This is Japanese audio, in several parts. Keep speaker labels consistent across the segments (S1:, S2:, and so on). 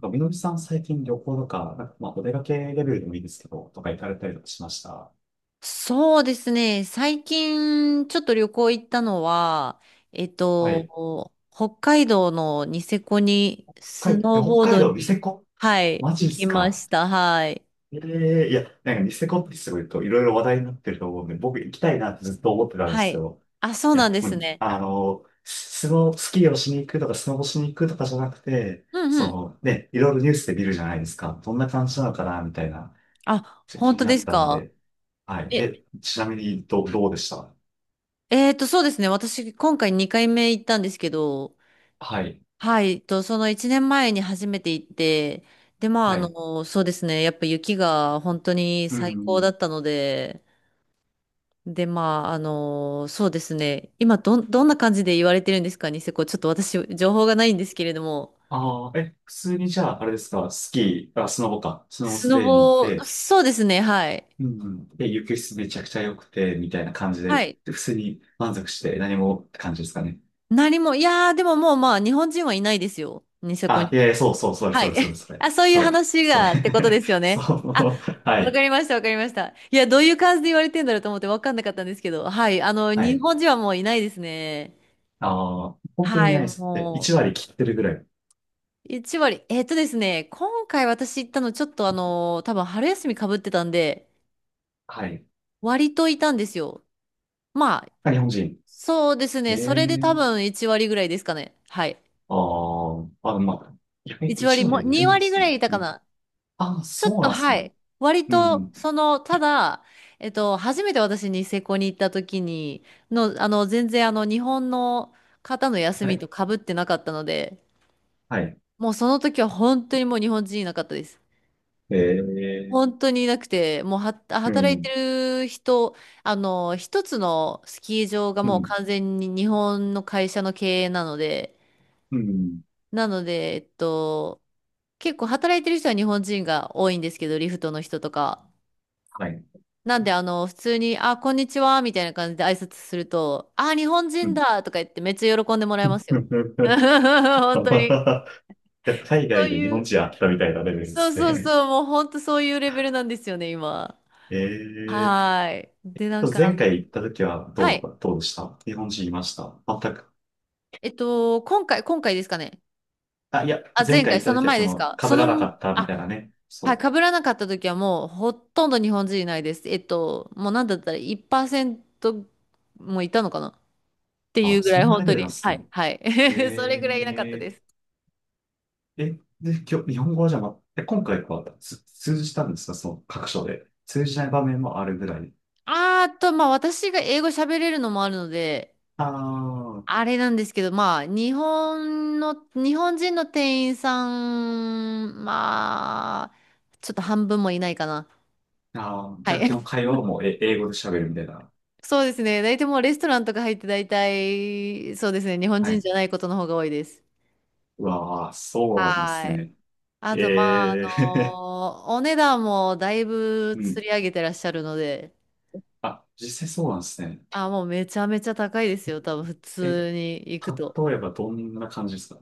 S1: なんかみのりさん最近旅行とか、なんかまあお出かけレベルでもいいですけど、とか行かれたりとかしました？
S2: そうですね。最近、ちょっと旅行行ったのは、
S1: はい。
S2: 北海道のニセコに
S1: 北
S2: ス
S1: 海
S2: ノー
S1: 北
S2: ボー
S1: 海
S2: ド
S1: 道ニセ
S2: に、
S1: コ。
S2: はい、
S1: マジっ
S2: 行き
S1: す
S2: ま
S1: か？
S2: した。はい。
S1: ええ、いや、なんかニセコってすごいといろいろ話題になってると思うんで、僕行きたいなってずっと思ってたんで
S2: は
S1: すけ
S2: い。
S1: ど、
S2: あ、そう
S1: い
S2: なん
S1: や、
S2: で
S1: も
S2: す
S1: う
S2: ね。
S1: あの、スキーをしに行くとかスノボしに行くとかじゃなくて、
S2: うんう
S1: そ
S2: ん。
S1: のね、いろいろニュースで見るじゃないですか。どんな感じなのかなみたいな、
S2: あ、
S1: ちょっと気
S2: 本
S1: に
S2: 当
S1: な
S2: で
S1: っ
S2: す
S1: たん
S2: か？
S1: で。はい。
S2: え、
S1: え、ちなみにどうでした？
S2: そうですね。私、今回2回目行ったんですけど、
S1: はい。
S2: はい、と、その1年前に初めて行って、で、まあ、あ
S1: はい。
S2: の、そうですね。やっぱ雪が本当に
S1: う
S2: 最高だ
S1: ん。
S2: ったので、で、まあ、あの、そうですね。今、どんな感じで言われてるんですかね、ニセコ。ちょっと私、情報がないんですけれども。
S1: ああ、え、普通にじゃあ、あれですか、スキー、あ、スノボか、スノボ
S2: スノ
S1: 滑りに行っ
S2: ボ、
S1: て、
S2: そうですね、はい。
S1: うんうん、で、雪質めちゃくちゃ良くて、みたいな感じで、
S2: はい。
S1: で普通に満足して何もって感じですかね。
S2: 何も、いやー、でももう、まあ、日本人はいないですよ。ニセコ
S1: あ、
S2: に。
S1: いやいや、そうそう、それ、
S2: は
S1: そ
S2: い。
S1: れ、それ、そ れ、
S2: あ、そういう
S1: それ、
S2: 話
S1: そ
S2: が、
S1: れ、
S2: ってことで すよ
S1: そ
S2: ね。あ、
S1: う、は
S2: わか
S1: い、
S2: りました、わかりました。いや、どういう感じで言われてんだろうと思ってわかんなかったんですけど、はい。あの、
S1: は
S2: 日
S1: い。
S2: 本人はもういないですね。
S1: ああ、本当に
S2: はい、
S1: ないです。で、
S2: もう。
S1: 1割切ってるぐらい。
S2: 1割。えっとですね、今回私行ったのちょっとあの多分春休みかぶってたんで、
S1: はい。
S2: 割といたんですよ。まあ、
S1: あ、日本人。
S2: そうです
S1: え
S2: ね、それで多
S1: え、
S2: 分1割ぐらいですかね。はい。
S1: ああ、あ、まあ、いや
S2: 1割
S1: 1
S2: も、
S1: 割いる
S2: 2
S1: んで
S2: 割ぐ
S1: すね。
S2: らいいた
S1: う
S2: か
S1: ん、
S2: な。
S1: ああ、
S2: ちょ
S1: そ
S2: っ
S1: う
S2: と、
S1: なんです
S2: は
S1: ね。
S2: い。割
S1: う
S2: と、
S1: ん、
S2: その、ただ、初めて私ニセコに行った時に、の、あの、全然あの、日本の方の休
S1: は
S2: み
S1: い、
S2: とかぶってなかったので、
S1: はい。
S2: もうその時は本当にもう日本人いなかったです。
S1: ええ、
S2: 本当にいなくて、もうは、
S1: う
S2: 働い
S1: ん、
S2: てる人、あの、一つのスキー場が
S1: う
S2: もう
S1: ん、
S2: 完全に日本の会社の経営なので、
S1: うん、
S2: なので、結構働いてる人は日本人が多いんですけど、リフトの人とか。
S1: はい。
S2: なんで、あの、普通に、あ、こんにちは、みたいな感じで挨拶すると、あ、日本
S1: う
S2: 人
S1: ん。
S2: だとか言ってめっちゃ喜んでもらえますよ。本当に。
S1: いや海
S2: そ
S1: 外
S2: う
S1: で日
S2: い
S1: 本
S2: う、
S1: 人あったみたいなレベルで
S2: そう
S1: す
S2: そう
S1: ね。
S2: そう、もう本当そういうレベルなんですよね、今。
S1: ええ、
S2: はーい。で、なんか、
S1: 前回行った時は
S2: はい。
S1: どうでした？日本人いました？全く？
S2: 今回ですかね。
S1: あ、いや、
S2: あ、
S1: 前
S2: 前
S1: 回
S2: 回、
S1: 行った
S2: その
S1: 時は
S2: 前
S1: そ
S2: です
S1: の、
S2: か。
S1: 被
S2: そ
S1: らな
S2: の、
S1: かったみたい
S2: あ、
S1: なね。
S2: はい、被
S1: そう。
S2: らなかった時はもうほとんど日本人いないです。もうなんだったら1%もいたのかなってい
S1: あ、
S2: うぐら
S1: そ
S2: い
S1: んな
S2: 本
S1: レ
S2: 当
S1: ベル
S2: に。
S1: なんです
S2: は
S1: ね。
S2: い、はい。それぐらいいなかった
S1: ええ、
S2: です。
S1: え、で、今日、日本語はじゃあ今回は通じたんですか？その、各所で。通じない場面もあるぐらい。
S2: あーと、まあ私が英語喋れるのもあるので、
S1: ああ、
S2: あれなんですけど、まあ日本の、日本人の店員さん、まあ、ちょっと半分もいないかな。
S1: ああ、
S2: は
S1: じゃあ基
S2: い。
S1: 本会話はもう英語で喋るみたいな。
S2: そうですね。大体もうレストランとか入って大体、そうですね。日本
S1: は
S2: 人
S1: い。
S2: じゃないことの方が多いです。
S1: うわあ、そうなんです
S2: はい。
S1: ね。
S2: あと、まあ、あ
S1: ええ。
S2: のーお値段もだい ぶ
S1: う
S2: 釣
S1: ん。
S2: り上げてらっしゃるので、
S1: あ、実際そうなんですね。
S2: あ、もうめちゃめちゃ高いですよ。多分普
S1: え、
S2: 通に行くと。
S1: 例えばどんな感じですか？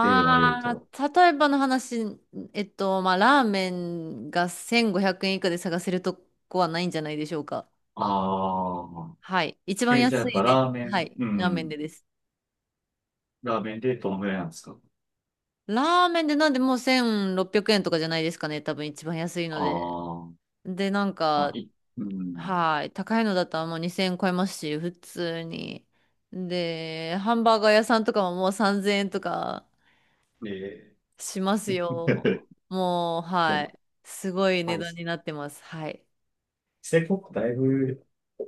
S1: 例を挙げる
S2: あ、
S1: と。
S2: 例えばの話、まあ、ラーメンが1500円以下で探せるとこはないんじゃないでしょうか。
S1: ああ、
S2: はい。一番
S1: え、じゃあや
S2: 安
S1: っ
S2: い
S1: ぱ
S2: ね。
S1: ラーメ
S2: は
S1: ン、
S2: い。
S1: う
S2: ラーメン
S1: ん。
S2: でです。
S1: ラーメンでどのぐらいなんですか？
S2: ラーメンでなんでもう1600円とかじゃないですかね。多分一番安いの
S1: あ
S2: で。
S1: あ、
S2: で、なん
S1: まあ、
S2: か、
S1: うん。
S2: はい。高いのだったらもう2000円超えますし、普通に。で、ハンバーガー屋さんとかももう3000円とか
S1: え
S2: しますよ。
S1: い
S2: もう、
S1: や
S2: は
S1: っ
S2: い。すごい
S1: ぱ
S2: 値
S1: り、
S2: 段になってます。はい。
S1: 成功だいぶ、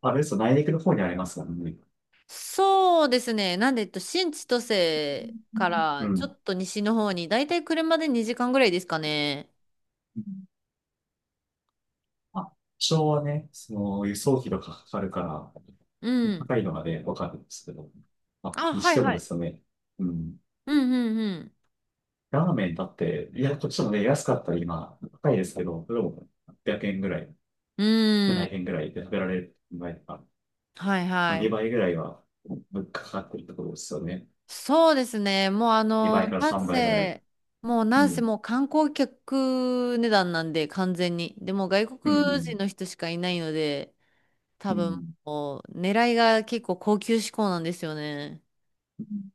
S1: あれですよ、内陸の方にありますからね。
S2: そうですね。なんで、新千歳か
S1: う
S2: らちょ
S1: ん。
S2: っと西の方に、だいたい車で2時間ぐらいですかね。
S1: あ、昭和ね、その輸送費とかかかるか
S2: う
S1: ら、
S2: ん。
S1: 高いのがね、わかるんですけど。あ、
S2: あ、
S1: に
S2: は
S1: し
S2: い
S1: ても
S2: は
S1: で
S2: い。
S1: すね、うん。
S2: うんうん
S1: ラーメンだって、いや、こっちもね、安かったら今、高いですけど、それも800円ぐらい、
S2: うん。
S1: 7
S2: う
S1: 0円ぐらいで食べられる場合とか、
S2: はい
S1: ま
S2: は
S1: あ、2
S2: い。
S1: 倍ぐらいは物価かかってるところですよね。
S2: そうですね。もうあ
S1: 2
S2: の、
S1: 倍から
S2: なん
S1: 3倍ぐらい。
S2: せ、もう
S1: う
S2: なんせ
S1: ん。
S2: もう観光客値段なんで完全に。でも外
S1: う
S2: 国人
S1: ん。
S2: の人しかいないので、多
S1: う
S2: 分
S1: ん。
S2: もう狙いが結構高級志向なんですよね。
S1: うん、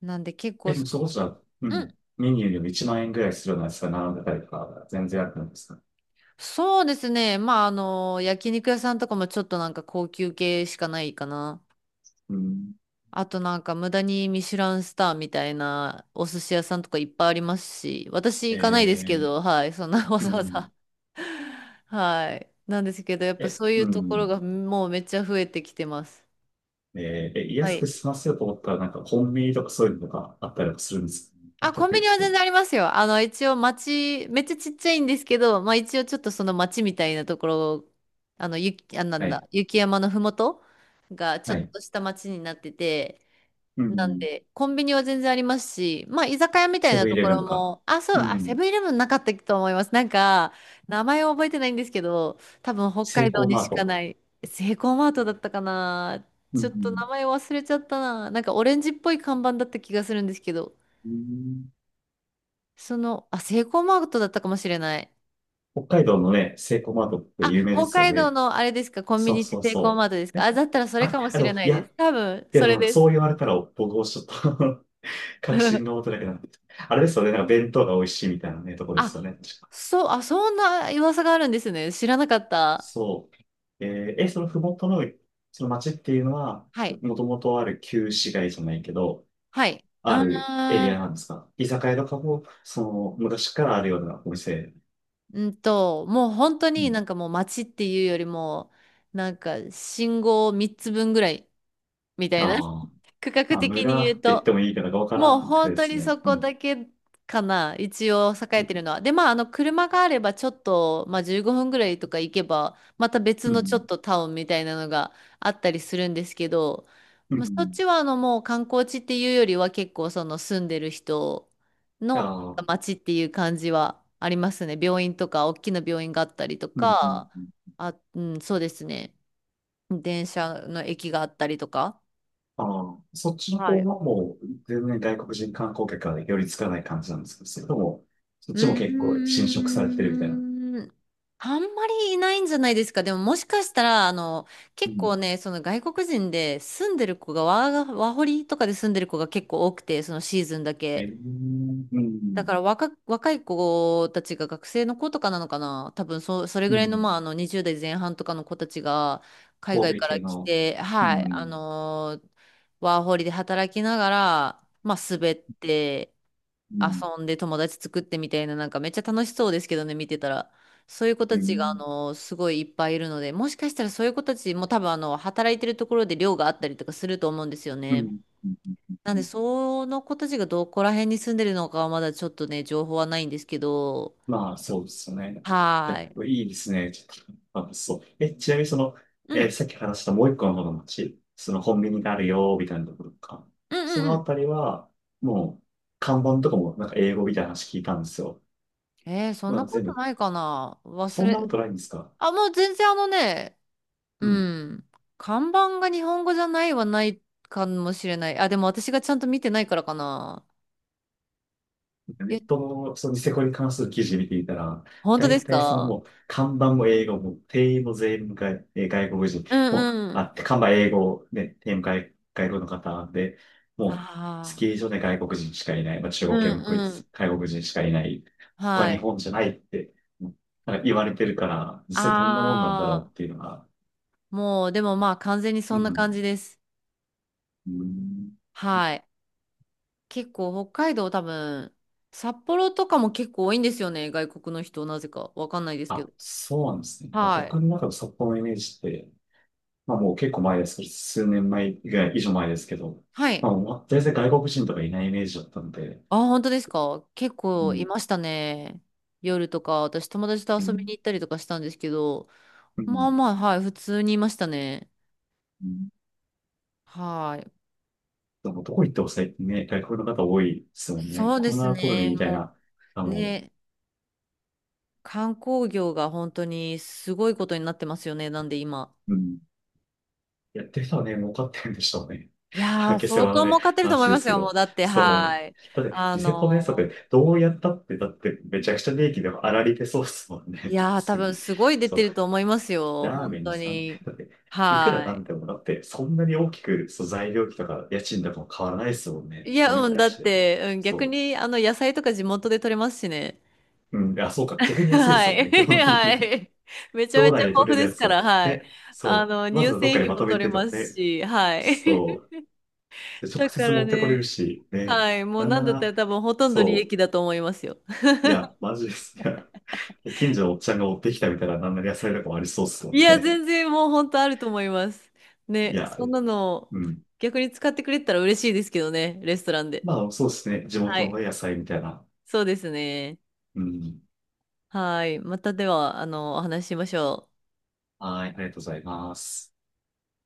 S2: なんで結構
S1: で
S2: そ
S1: もそこ
S2: の、
S1: じゃ、う
S2: うん
S1: ん。メニューよりも1万円ぐらいするようなやつが並んでたりとか、全然あるんですか？
S2: そうですね。まああの、焼肉屋さんとかもちょっとなんか高級系しかないかな。
S1: うん。
S2: あとなんか無駄にミシュランスターみたいなお寿司屋さんとかいっぱいありますし、私
S1: え
S2: 行かないですけ
S1: ー
S2: ど、はい、そんな わ
S1: う
S2: ざわざ
S1: ん。
S2: はい。なんですけど、やっぱ
S1: え、
S2: そうい
S1: う
S2: うところ
S1: ん。
S2: がもうめっちゃ増えてきてます。
S1: えーえ、
S2: は
S1: 安く
S2: い。
S1: 済ませようと思ったら、なんかコンビニとかそういうのがあったりもするんですか？あ
S2: あ、
S1: った
S2: コンビ
S1: り
S2: ニは
S1: す
S2: 全
S1: る。
S2: 然ありますよ。あの、一応街、めっちゃちっちゃいんですけど、まあ一応ちょっとその街みたいなところ、あの、雪、あ、なん
S1: は
S2: だ、
S1: い。
S2: 雪山のふもとがちょ
S1: は
S2: っ
S1: い。
S2: とした街になってて、
S1: う
S2: なん
S1: ん。
S2: で、コンビニは全然ありますし、まあ、居酒屋みたい
S1: セ
S2: な
S1: ブンイ
S2: と
S1: レ
S2: こ
S1: ブン
S2: ろ
S1: とか。
S2: も、あ、そう、
S1: う
S2: あ、セ
S1: ん。
S2: ブンイレブンなかったと思います。なんか、名前を覚えてないんですけど、多分北
S1: セ
S2: 海
S1: イ
S2: 道
S1: コー
S2: に
S1: マ
S2: し
S1: ー
S2: か
S1: ト。
S2: ない、セイコーマートだったかな。
S1: う
S2: ちょっと
S1: ん。
S2: 名前忘れちゃったな。なんかオレンジっぽい看板だった気がするんですけど、
S1: うん、
S2: その、あ、セイコーマートだったかもしれない。
S1: 北海道のね、セイコーマートって
S2: あ、
S1: 有名で
S2: 北
S1: すよ
S2: 海道
S1: ね。
S2: のあれですか、コンビ
S1: そう
S2: ニって
S1: そう
S2: セイコー
S1: そ
S2: マートです
S1: う。
S2: か？
S1: え、
S2: あ、だったらそれ
S1: あ、
S2: かもしれな
S1: い
S2: いで
S1: や、
S2: す。多分、
S1: いや、
S2: そ
S1: で
S2: れ
S1: も
S2: で
S1: そ
S2: す。
S1: う言われたら僕もちょっと 確信が持 てなくなってきた。あれですよね、なんか弁当が美味しいみたいなね、とこです
S2: あ、
S1: よね。
S2: そう、あ、そんな噂があるんですね。知らなかった。
S1: そう。えーえ、そのふもとの、その町っていうのは、
S2: はい。
S1: もともとある旧市街じゃないけど、
S2: はい。う
S1: あるエリ
S2: ー
S1: ア
S2: ん、
S1: なんですか？居酒屋とかも、その、昔からあるようなお店。
S2: うんと、もう本当
S1: う
S2: に
S1: ん。
S2: なんかもう街っていうよりも、なんか信号3つ分ぐらいみたいな。
S1: ああ。
S2: 区画
S1: まあ、
S2: 的に
S1: 村
S2: 言う
S1: って言って
S2: と。
S1: もいいかどうかわから
S2: もう
S1: んくらい
S2: 本
S1: で
S2: 当
S1: す
S2: に
S1: ね。
S2: そ
S1: う
S2: こ
S1: ん。
S2: だけかな、一応栄えてるのは。で、まあ、あの、車があればちょっと、まあ、15分ぐらいとか行けば、また別
S1: う
S2: のちょっ
S1: ん。
S2: とタウンみたいなのがあったりするんですけど、
S1: う
S2: まあ、そっ
S1: ん。
S2: ちはあの、もう観光地っていうよりは結構その住んでる人
S1: あ
S2: の
S1: あ。
S2: 街っていう感じはありますね。病院とか、大きな病院があったりと
S1: うん。うん。
S2: か、
S1: うん、
S2: あ、うん、そうですね。電車の駅があったりとか。
S1: ああ、うんうん、ああ、そっちの
S2: は
S1: 方
S2: い、
S1: はもう、全然外国人観光客が寄りつかない感じなんですけど、それとも、そっ
S2: う
S1: ちも結構侵食されてるみたいな。
S2: ーん。あんまりいないんじゃないですか。でももしかしたら、あの、
S1: う
S2: 結構
S1: ん。
S2: ね、その外国人で住んでる子がワホリとかで住んでる子が結構多くて、そのシーズンだ
S1: え
S2: け。
S1: ーう
S2: だか
S1: ん。
S2: ら若い子たちが学生の子とかなのかな。多分そ、それ
S1: う
S2: ぐらいの、
S1: ん。
S2: まあ、あの、20代前半とかの子たちが海
S1: 欧
S2: 外
S1: 米
S2: か
S1: 系
S2: ら来
S1: の。
S2: て、
S1: う
S2: はい、あ
S1: ん。
S2: のーワーホリで働きながら、まあ、滑って、
S1: うん。
S2: 遊んで友達作ってみたいな、なんかめっちゃ楽しそうですけどね、見てたら。そういう子
S1: う
S2: たちが、あ
S1: ん。
S2: の、すごいいっぱいいるので、もしかしたらそういう子たちも多分、あの、働いてるところで寮があったりとかすると思うんですよ
S1: う
S2: ね。
S1: ん。うん。
S2: なん
S1: う
S2: で、
S1: ん。
S2: その子たちがどこら辺に住んでるのかはまだちょっとね、情報はないんですけど、
S1: まあ、そうですよね。い
S2: は
S1: や、
S2: ーい。
S1: いいですね。ちょっとあそう。え、ちなみにその、
S2: うん、
S1: さっき話したもう一個の方の街、そのコンビニがあるよ、みたいなところとか。
S2: うん
S1: そ
S2: うん
S1: の
S2: う
S1: あ
S2: ん。
S1: たりは、もう、看板とかもなんか英語みたいな話聞いたんですよ。
S2: えー、そん
S1: ま
S2: な
S1: あ、
S2: こ
S1: 全
S2: と
S1: 部、
S2: ないかな。
S1: そんなことないんですか？
S2: あ、もう全然あのね、
S1: う
S2: う
S1: ん、
S2: ん。看板が日本語じゃないはないかもしれない。あ、でも私がちゃんと見てないからかな。
S1: ネ
S2: え、
S1: ットのそのニセコに関する記事見ていたら、
S2: 本当で
S1: 大
S2: す
S1: 体その
S2: か？
S1: もう、看板も英語も、店員も全員外、えー外国人、
S2: う
S1: もう、
S2: んうん。
S1: あ、看板英語、ね、店員も外国の方で、もう、ス
S2: あ
S1: キ
S2: あ
S1: ー場で外国人しかいない、まあ、中
S2: う
S1: 国
S2: ん
S1: 系もこい
S2: うん。
S1: つ、外国人しかいない、他
S2: は
S1: 日
S2: い。
S1: 本じゃないって、うん、なんか言われてるから、実際どんなもんなんだろう
S2: ああ、
S1: っていうのが、
S2: もう、でもまあ完全にそ
S1: う
S2: んな感
S1: ん、
S2: じです。
S1: うん、
S2: はい。結構北海道多分、札幌とかも結構多いんですよね。外国の人、なぜか。わかんないですけ
S1: あ、
S2: ど。
S1: そうなんですね。まあ
S2: はい。
S1: 僕の中の札幌のイメージって、まあもう結構前ですけど、数年前ぐらい以上前ですけど、
S2: はい。
S1: まあもう全然外国人とかいないイメージだったので、
S2: ああ、本当ですか？結
S1: う
S2: 構い
S1: ん。
S2: ましたね。夜とか、私友達と
S1: う
S2: 遊びに
S1: ん
S2: 行ったりとかしたんですけど、
S1: う
S2: まあ
S1: ん。
S2: まあ、はい、普通にいましたね。
S1: うん、
S2: はい。
S1: でもどこ行っても最近ね、外国の方多いですもんね。
S2: そうで
S1: こん
S2: す
S1: なコロニー
S2: ね。
S1: みたい
S2: も
S1: な、あ
S2: う、
S1: の、
S2: ね、観光業が本当にすごいことになってますよね。なんで今。
S1: うん。やってる人はね、儲かってるんでしょうね。
S2: いや ー、
S1: 下世
S2: 相
S1: 話の
S2: 当
S1: ね、
S2: 儲かってると思い
S1: 話で
S2: ま
S1: す
S2: す
S1: け
S2: よ。も
S1: ど。
S2: うだって、
S1: そ
S2: は
S1: う。
S2: い。
S1: だって、
S2: あ
S1: ニセコのや
S2: の
S1: つだってどうやったって、だってめちゃくちゃ利益でも粗利出そうですもん
S2: ー、い
S1: ね。
S2: やー、多分
S1: 次。
S2: すごい出
S1: そ
S2: て
S1: う
S2: ると思いますよ。
S1: ラー
S2: 本
S1: メン
S2: 当
S1: 3ん
S2: に。
S1: だっていくら
S2: は
S1: なん
S2: い。
S1: でもだって、そんなに大きく、そう、材料費とか家賃とかも変わらないですもんね。
S2: い
S1: そ
S2: や、
S1: れに
S2: うん、
S1: 対
S2: だっ
S1: して。
S2: て、うん、逆
S1: そ
S2: に、あの、野菜とか地元で取れますしね。
S1: う。うん。あ、そうか。逆 に安いで
S2: は
S1: すもん
S2: い。
S1: ね。基 本的
S2: は
S1: に。
S2: い。めちゃめ
S1: 道
S2: ちゃ
S1: 内で
S2: 豊
S1: 取
S2: 富
S1: れる
S2: で
S1: や
S2: す
S1: つ
S2: か
S1: を。
S2: ら、はい。
S1: ね。
S2: あ
S1: そ
S2: の、
S1: う。まず
S2: 乳
S1: はどっ
S2: 製
S1: かに
S2: 品
S1: ま
S2: も
S1: とめ
S2: 取れ
S1: てと
S2: ま
S1: か
S2: す
S1: ね。
S2: し、はい。
S1: そ う。で直
S2: だか
S1: 接
S2: ら
S1: 持ってこれる
S2: ね、
S1: し、ね。
S2: はい。もう
S1: なん
S2: な
S1: な
S2: んだった
S1: ら、
S2: ら多分ほとんど利
S1: そ
S2: 益だと思いますよ。
S1: う。いや、マジです。いや、近所のおっちゃんが持ってきたみたいな、なんなら野菜とかもありそうですも
S2: い
S1: ん
S2: や、
S1: ね。
S2: 全然もう本当あると思います。
S1: い
S2: ね、
S1: や、
S2: そんなの
S1: うん。
S2: 逆に使ってくれたら嬉しいですけどね、レストランで。
S1: まあ、そうですね。地
S2: は
S1: 元の
S2: い。
S1: 野菜みたいな。
S2: そうですね。
S1: うん。
S2: はい。またでは、あの、お話ししましょう。
S1: はい、ありがとうございます。